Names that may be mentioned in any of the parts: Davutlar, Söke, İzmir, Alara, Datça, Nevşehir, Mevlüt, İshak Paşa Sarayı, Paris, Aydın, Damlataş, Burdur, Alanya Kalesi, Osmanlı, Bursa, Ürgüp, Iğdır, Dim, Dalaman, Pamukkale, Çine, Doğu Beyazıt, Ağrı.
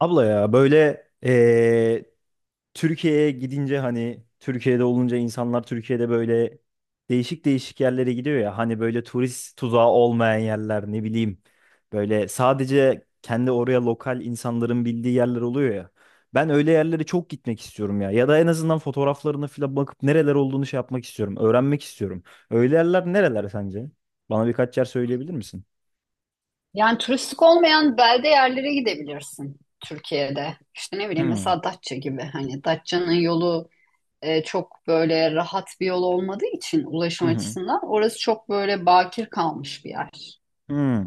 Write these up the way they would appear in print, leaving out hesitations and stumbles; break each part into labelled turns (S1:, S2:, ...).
S1: Abla ya böyle Türkiye'ye gidince, hani Türkiye'de olunca, insanlar Türkiye'de böyle değişik değişik yerlere gidiyor ya, hani böyle turist tuzağı olmayan yerler, ne bileyim, böyle sadece kendi oraya lokal insanların bildiği yerler oluyor ya. Ben öyle yerlere çok gitmek istiyorum ya, ya da en azından fotoğraflarına falan bakıp nereler olduğunu şey yapmak istiyorum, öğrenmek istiyorum. Öyle yerler nereler sence? Bana birkaç yer söyleyebilir misin?
S2: Yani turistik olmayan belde yerlere gidebilirsin Türkiye'de. İşte ne bileyim
S1: Hmm.
S2: mesela Datça gibi. Hani Datça'nın yolu çok böyle rahat bir yol olmadığı için
S1: Hı
S2: ulaşım
S1: hı.
S2: açısından orası çok böyle bakir kalmış bir yer.
S1: Hmm.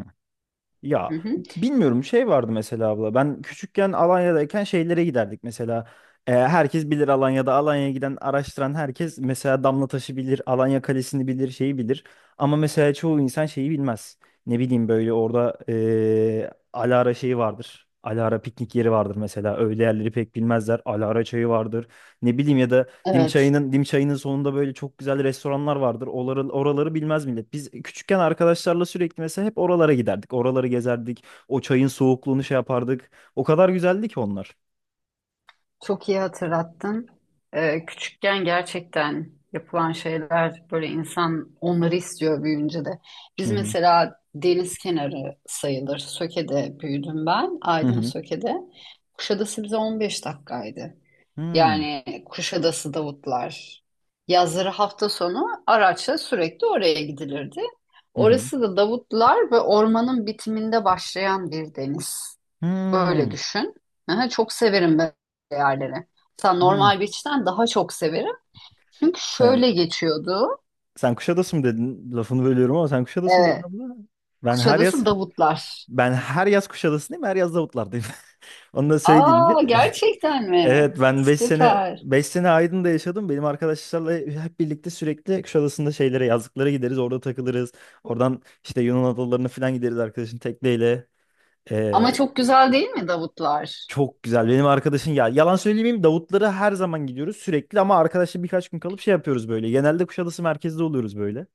S2: Hı
S1: Ya
S2: hı.
S1: bilmiyorum, şey vardı mesela abla, ben küçükken Alanya'dayken şeylere giderdik mesela. Herkes bilir, Alanya'da Alanya'ya giden araştıran herkes mesela Damlataş'ı bilir, Alanya Kalesi'ni bilir, şeyi bilir, ama mesela çoğu insan şeyi bilmez, ne bileyim, böyle orada Alara şeyi vardır, Alara piknik yeri vardır mesela, öyle yerleri pek bilmezler. Alara çayı vardır, ne bileyim, ya da Dim
S2: Evet.
S1: çayının, dim çayının sonunda böyle çok güzel restoranlar vardır. Oraları bilmez millet. Biz küçükken arkadaşlarla sürekli mesela hep oralara giderdik. Oraları gezerdik. O çayın soğukluğunu şey yapardık. O kadar güzeldi ki onlar.
S2: Çok iyi hatırlattın. Küçükken gerçekten yapılan şeyler böyle insan onları istiyor büyüyünce de.
S1: Hı
S2: Biz
S1: hı.
S2: mesela deniz kenarı sayılır. Söke'de büyüdüm ben.
S1: Hı
S2: Aydın
S1: hı.
S2: Söke'de. Kuşadası bize 15 dakikaydı.
S1: Hı hı.
S2: Yani Kuşadası Davutlar. Yazları hafta sonu araçla sürekli oraya gidilirdi.
S1: Hı
S2: Orası da Davutlar ve ormanın bitiminde başlayan bir deniz. Öyle
S1: Hmm.
S2: düşün. Aha, çok severim böyle yerleri. Mesela
S1: Hı.
S2: normal beach'ten daha çok severim. Çünkü
S1: Sen,
S2: şöyle geçiyordu.
S1: sen Kuşadası mı dedin? Lafını bölüyorum ama sen Kuşadası mı dedin
S2: Evet.
S1: abla? Ben her yaz
S2: Kuşadası Davutlar.
S1: ben her yaz Kuşadası'ndayım, her yaz Davutlar'dayım. Onu da söyleyeyim
S2: Aa
S1: ki.
S2: gerçekten mi?
S1: Evet, ben beş sene
S2: Süper.
S1: beş sene Aydın'da yaşadım. Benim arkadaşlarla hep birlikte sürekli Kuşadası'nda şeylere, yazlıklara gideriz. Orada takılırız. Oradan işte Yunan adalarına falan gideriz arkadaşın tekneyle.
S2: Ama
S1: Ee,
S2: çok güzel değil mi Davutlar?
S1: Çok güzel. Benim arkadaşın, ya yalan söylemeyeyim, Davutlara her zaman gidiyoruz sürekli, ama arkadaşla birkaç gün kalıp şey yapıyoruz böyle. Genelde Kuşadası merkezde oluyoruz böyle.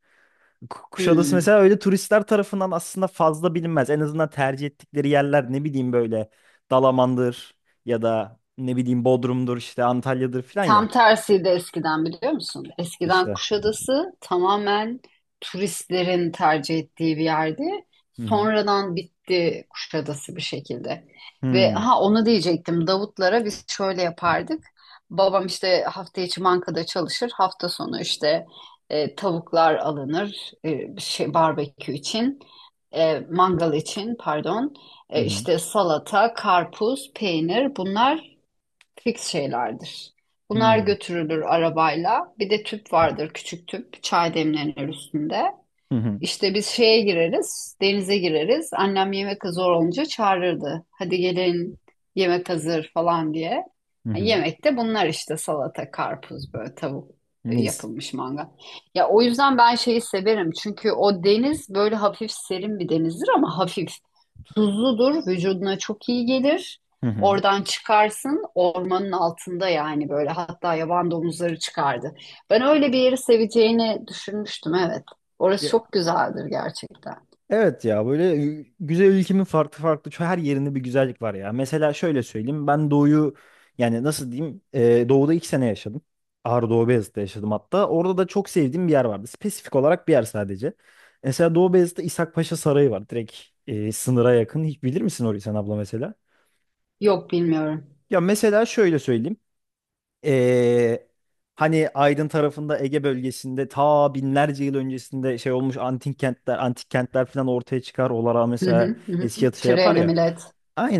S1: Kuşadası
S2: Hmm.
S1: mesela öyle turistler tarafından aslında fazla bilinmez. En azından tercih ettikleri yerler, ne bileyim, böyle Dalaman'dır, ya da ne bileyim Bodrum'dur, işte Antalya'dır falan
S2: Tam
S1: ya.
S2: tersiydi eskiden biliyor musun? Eskiden
S1: İşte.
S2: Kuşadası tamamen turistlerin tercih ettiği bir yerdi.
S1: Hı hı.
S2: Sonradan bitti Kuşadası bir şekilde.
S1: Hı
S2: Ve
S1: hı.
S2: ha onu diyecektim. Davutlara biz şöyle yapardık. Babam işte hafta içi bankada çalışır. Hafta sonu işte tavuklar alınır şey barbekü için. Mangal için pardon.
S1: Hı
S2: İşte salata, karpuz, peynir bunlar fix şeylerdir. Bunlar
S1: hı.
S2: götürülür arabayla. Bir de tüp vardır, küçük tüp, çay demlenir üstünde.
S1: Hı hı.
S2: İşte biz şeye gireriz, denize gireriz. Annem yemek zor olunca çağırırdı. Hadi gelin yemek hazır falan diye.
S1: Hı hı.
S2: Yemekte bunlar işte salata, karpuz, böyle tavuk
S1: Mis.
S2: yapılmış mangal. Ya o yüzden ben şeyi severim. Çünkü o deniz böyle hafif serin bir denizdir ama hafif tuzludur. Vücuduna çok iyi gelir.
S1: Hı hı.
S2: Oradan çıkarsın ormanın altında yani böyle hatta yaban domuzları çıkardı. Ben öyle bir yeri seveceğini düşünmüştüm evet. Orası
S1: Ya,
S2: çok güzeldir gerçekten.
S1: evet ya, böyle güzel ülkemin farklı farklı her yerinde bir güzellik var ya. Mesela şöyle söyleyeyim, ben doğuyu, yani nasıl diyeyim, doğuda 2 sene yaşadım. Ağrı Doğu Beyazıt'ta yaşadım hatta. Orada da çok sevdiğim bir yer vardı. Spesifik olarak bir yer sadece. Mesela Doğu Beyazıt'ta İshak Paşa Sarayı var. Direkt sınıra yakın. Hiç bilir misin orayı sen abla mesela?
S2: Yok bilmiyorum.
S1: Ya mesela şöyle söyleyeyim. Ee, Hani Aydın tarafında, Ege bölgesinde, ta binlerce yıl öncesinde şey olmuş antik kentler, antik kentler falan ortaya çıkar. Olara
S2: Hı hı,
S1: mesela
S2: hı
S1: eski
S2: hı.
S1: yatı şey yapar
S2: Treni
S1: ya.
S2: millet.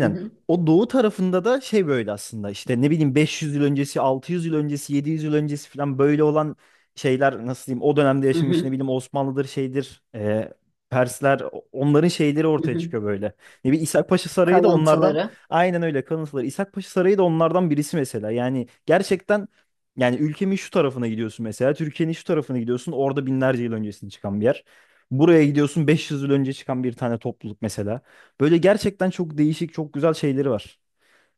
S2: Hı hı,
S1: O doğu tarafında da şey, böyle aslında işte, ne bileyim, 500 yıl öncesi, 600 yıl öncesi, 700 yıl öncesi falan böyle olan şeyler, nasıl diyeyim, o dönemde
S2: hı
S1: yaşamış, ne
S2: hı,
S1: bileyim, Osmanlı'dır, şeydir, Persler, onların şeyleri
S2: hı
S1: ortaya
S2: hı.
S1: çıkıyor böyle. Ne bileyim İshak Paşa Sarayı da onlardan.
S2: Kalıntıları.
S1: Aynen öyle, kalıntıları. İshak Paşa Sarayı da onlardan birisi mesela. Yani gerçekten, yani ülkemin şu tarafına gidiyorsun mesela. Türkiye'nin şu tarafına gidiyorsun. Orada binlerce yıl öncesinde çıkan bir yer. Buraya gidiyorsun, 500 yıl önce çıkan bir tane topluluk mesela. Böyle gerçekten çok değişik, çok güzel şeyleri var.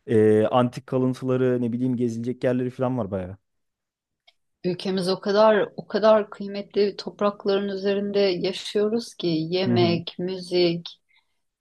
S1: Antik kalıntıları, ne bileyim, gezilecek yerleri falan var bayağı.
S2: Ülkemiz o kadar o kadar kıymetli toprakların üzerinde yaşıyoruz ki
S1: Hı hı.
S2: yemek, müzik,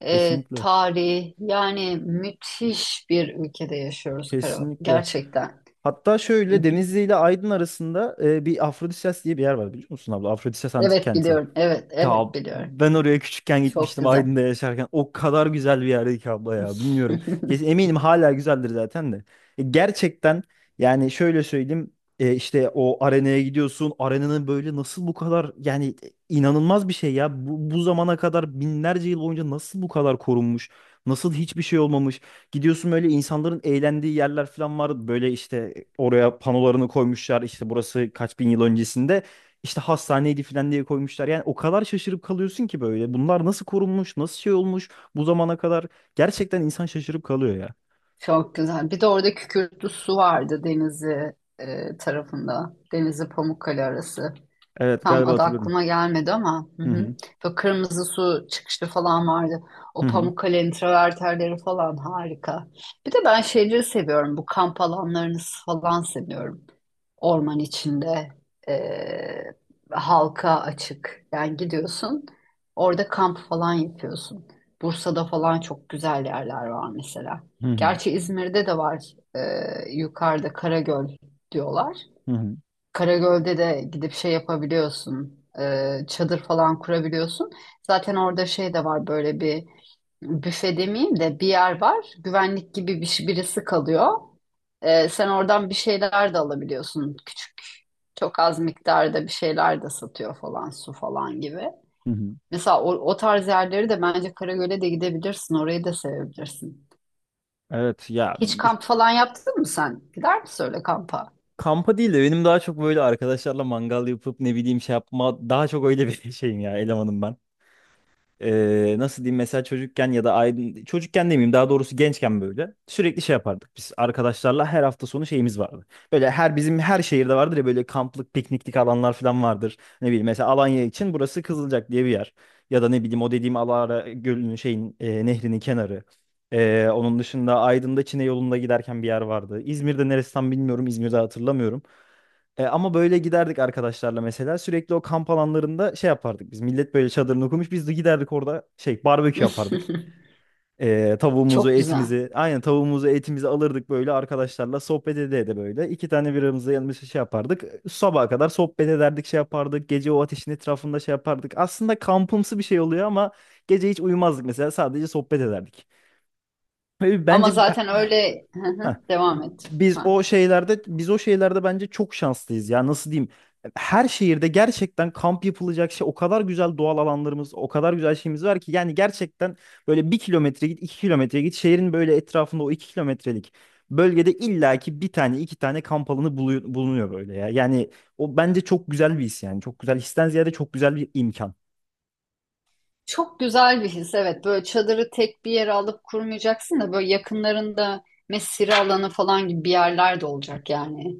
S1: Kesinlikle.
S2: tarih yani müthiş bir ülkede yaşıyoruz Karo.
S1: Kesinlikle.
S2: Gerçekten.
S1: Hatta
S2: E,
S1: şöyle Denizli ile Aydın arasında bir Afrodisias diye bir yer var, biliyor musun abla? Afrodisias Antik
S2: Evet
S1: Kenti.
S2: biliyorum. Evet,
S1: Ya
S2: evet biliyorum.
S1: ben oraya küçükken
S2: Çok
S1: gitmiştim
S2: güzel.
S1: Aydın'da yaşarken. O kadar güzel bir yerdi ki abla ya. Bilmiyorum. Kesin eminim hala güzeldir zaten de. Gerçekten, yani şöyle söyleyeyim. İşte o arenaya gidiyorsun. Arenanın böyle nasıl bu kadar, yani inanılmaz bir şey ya. Bu zamana kadar binlerce yıl boyunca nasıl bu kadar korunmuş? Nasıl hiçbir şey olmamış? Gidiyorsun böyle, insanların eğlendiği yerler falan var. Böyle işte oraya panolarını koymuşlar. İşte burası kaç bin yıl öncesinde. İşte hastaneydi falan diye koymuşlar. Yani o kadar şaşırıp kalıyorsun ki böyle. Bunlar nasıl korunmuş, nasıl şey olmuş bu zamana kadar. Gerçekten insan şaşırıp kalıyor ya.
S2: Çok güzel. Bir de orada Kükürtlü Su vardı Denizli tarafında. Denizli Pamukkale arası.
S1: Evet
S2: Tam
S1: galiba
S2: adı
S1: hatırlıyorum.
S2: aklıma gelmedi ama hı
S1: Hı
S2: hı.
S1: hı.
S2: Böyle kırmızı su çıkışı falan vardı.
S1: Hı
S2: O
S1: hı.
S2: Pamukkale'nin travertenleri falan harika. Bir de ben şeyleri seviyorum. Bu kamp alanlarını falan seviyorum orman içinde e, halka açık. Yani gidiyorsun orada kamp falan yapıyorsun. Bursa'da falan çok güzel yerler var mesela.
S1: Hı hı.
S2: Gerçi İzmir'de de var yukarıda Karagöl diyorlar.
S1: Hı hı.
S2: Karagöl'de de gidip şey yapabiliyorsun. Çadır falan kurabiliyorsun. Zaten orada şey de var böyle bir büfe demeyeyim de bir yer var. Güvenlik gibi birisi kalıyor. Sen oradan bir şeyler de alabiliyorsun. Küçük çok az miktarda bir şeyler de satıyor falan su falan gibi.
S1: Hı hı.
S2: Mesela o tarz yerleri de bence Karagöl'e de gidebilirsin. Orayı da sevebilirsin.
S1: Evet ya,
S2: Hiç kamp falan yaptın mı sen? Gider misin öyle kampa?
S1: kampa değil de benim daha çok böyle arkadaşlarla mangal yapıp, ne bileyim, şey yapma, daha çok öyle bir şeyim ya, elemanım ben. Nasıl diyeyim, mesela çocukken, ya da aydın, çocukken demeyeyim daha doğrusu, gençken böyle sürekli şey yapardık biz arkadaşlarla, her hafta sonu şeyimiz vardı. Böyle her bizim her şehirde vardır ya, böyle kamplık pikniklik alanlar falan vardır. Ne bileyim mesela Alanya için burası Kızılcak diye bir yer. Ya da ne bileyim, o dediğim Alara Gölü'nün şeyin, nehrinin kenarı. Onun dışında Aydın'da Çine yolunda giderken bir yer vardı. İzmir'de neresi tam bilmiyorum, İzmir'de hatırlamıyorum. Ama böyle giderdik arkadaşlarla mesela. Sürekli o kamp alanlarında şey yapardık biz. Millet böyle çadırını kurmuş. Biz de giderdik orada şey, barbekü yapardık. Tavuğumuzu,
S2: Çok güzel.
S1: etimizi. Aynen, tavuğumuzu, etimizi alırdık, böyle arkadaşlarla sohbet ede ede böyle. İki tane biramızı yanımızda şey yapardık. Sabaha kadar sohbet ederdik, şey yapardık. Gece o ateşin etrafında şey yapardık. Aslında kampımsı bir şey oluyor ama gece hiç uyumazdık mesela. Sadece sohbet ederdik. Ve
S2: Ama
S1: bence.
S2: zaten öyle. Hı
S1: Heh.
S2: hı, devam et
S1: Biz
S2: lütfen.
S1: o şeylerde biz o şeylerde bence çok şanslıyız ya, nasıl diyeyim, her şehirde gerçekten kamp yapılacak şey, o kadar güzel doğal alanlarımız, o kadar güzel şeyimiz var ki, yani gerçekten böyle 1 kilometre git, 2 kilometre git, şehrin böyle etrafında o 2 kilometrelik bölgede illaki bir tane, iki tane kamp alanı bulunuyor böyle ya, yani o bence çok güzel bir his, yani çok güzel histen ziyade çok güzel bir imkan,
S2: Çok güzel bir his evet, böyle çadırı tek bir yere alıp kurmayacaksın da böyle yakınlarında mesire alanı falan gibi bir yerler de olacak yani.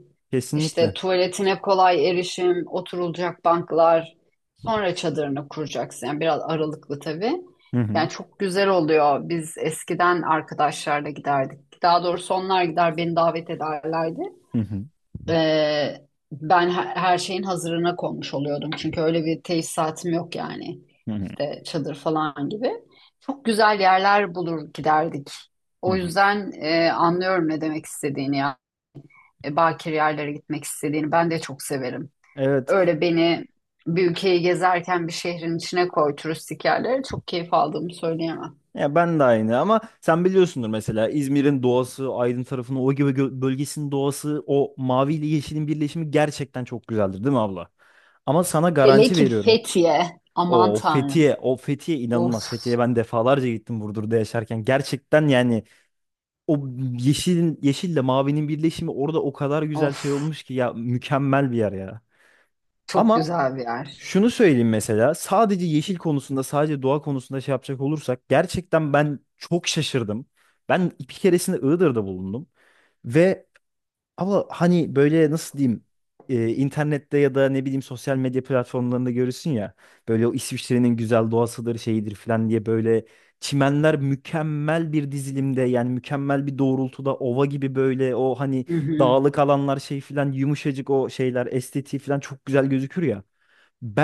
S2: İşte
S1: kesinlikle.
S2: tuvaletine kolay erişim, oturulacak banklar, sonra çadırını kuracaksın. Yani biraz aralıklı tabii.
S1: Hı hı.
S2: Yani çok güzel oluyor. Biz eskiden arkadaşlarla giderdik. Daha doğrusu onlar gider beni davet ederlerdi.
S1: Hı hı.
S2: Ben her şeyin hazırına konmuş oluyordum. Çünkü öyle bir tesisatım yok yani.
S1: Hı hı.
S2: İşte çadır falan gibi. Çok güzel yerler bulur giderdik.
S1: Hı
S2: O
S1: hı.
S2: yüzden anlıyorum ne demek istediğini ya. Bakir yerlere gitmek istediğini ben de çok severim.
S1: Evet.
S2: Öyle beni bir ülkeyi gezerken bir şehrin içine koy turistik yerlere çok keyif aldığımı söyleyemem.
S1: Ya ben de aynı, ama sen biliyorsundur mesela İzmir'in doğası, Aydın tarafının o gibi bölgesinin doğası, o mavi ile yeşilin birleşimi gerçekten çok güzeldir değil mi abla? Ama sana
S2: Hele
S1: garanti
S2: ki
S1: veriyorum.
S2: Fethiye. Aman
S1: O
S2: Tanrım.
S1: Fethiye, o Fethiye
S2: Of,
S1: inanılmaz. Fethiye'ye ben defalarca gittim Burdur'da yaşarken. Gerçekten yani o yeşilin, yeşille mavinin birleşimi orada o kadar güzel şey
S2: of.
S1: olmuş ki ya, mükemmel bir yer ya.
S2: Çok
S1: Ama
S2: güzel bir yer.
S1: şunu söyleyeyim mesela, sadece yeşil konusunda, sadece doğa konusunda şey yapacak olursak gerçekten ben çok şaşırdım. Ben bir keresinde Iğdır'da bulundum ve, ama hani böyle, nasıl diyeyim, internette ya da ne bileyim sosyal medya platformlarında görürsün ya, böyle o İsviçre'nin güzel doğasıdır, şeyidir falan diye, böyle çimenler mükemmel bir dizilimde, yani mükemmel bir doğrultuda, ova gibi böyle, o hani
S2: Hı hı,
S1: dağlık alanlar şey falan, yumuşacık o şeyler, estetiği falan çok güzel gözükür ya.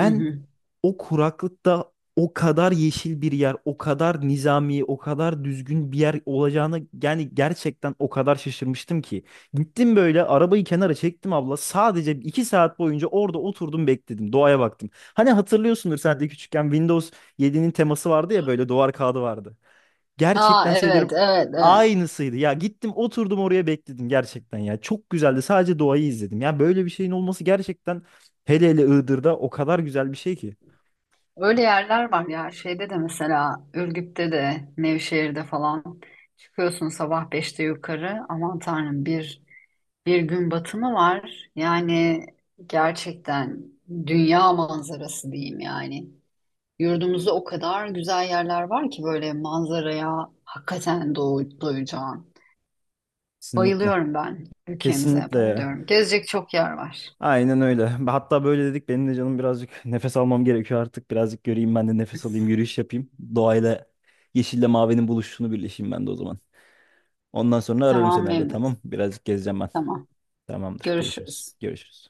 S2: hı hı.
S1: o kuraklıkta o kadar yeşil bir yer, o kadar nizami, o kadar düzgün bir yer olacağını, yani gerçekten o kadar şaşırmıştım ki. Gittim böyle arabayı kenara çektim abla. Sadece 2 saat boyunca orada oturdum, bekledim. Doğaya baktım. Hani hatırlıyorsundur sen de, küçükken Windows 7'nin teması vardı ya, böyle duvar kağıdı vardı.
S2: Aa
S1: Gerçekten söylerim
S2: evet evet evet.
S1: aynısıydı. Ya gittim oturdum oraya bekledim gerçekten ya. Çok güzeldi. Sadece doğayı izledim. Ya böyle bir şeyin olması, gerçekten hele hele Iğdır'da o kadar güzel bir şey ki.
S2: Öyle yerler var ya şeyde de mesela Ürgüp'te de Nevşehir'de falan çıkıyorsun sabah beşte yukarı, aman tanrım, bir gün batımı var. Yani gerçekten dünya manzarası diyeyim yani. Yurdumuzda o kadar güzel yerler var ki böyle manzaraya hakikaten doy doyacağın.
S1: Kesinlikle.
S2: Bayılıyorum ben, ülkemize
S1: Kesinlikle ya.
S2: bayılıyorum. Gezecek çok yer var.
S1: Aynen öyle. Hatta böyle dedik, benim de canım birazcık nefes almam gerekiyor artık. Birazcık göreyim ben de, nefes alayım, yürüyüş yapayım. Doğayla, yeşille mavinin buluşunu birleşeyim ben de o zaman. Ondan sonra ararım
S2: Tamam
S1: seni evde tamam.
S2: Mevlüt.
S1: Birazcık gezeceğim ben.
S2: Tamam.
S1: Tamamdır. Görüşürüz.
S2: Görüşürüz.
S1: Görüşürüz.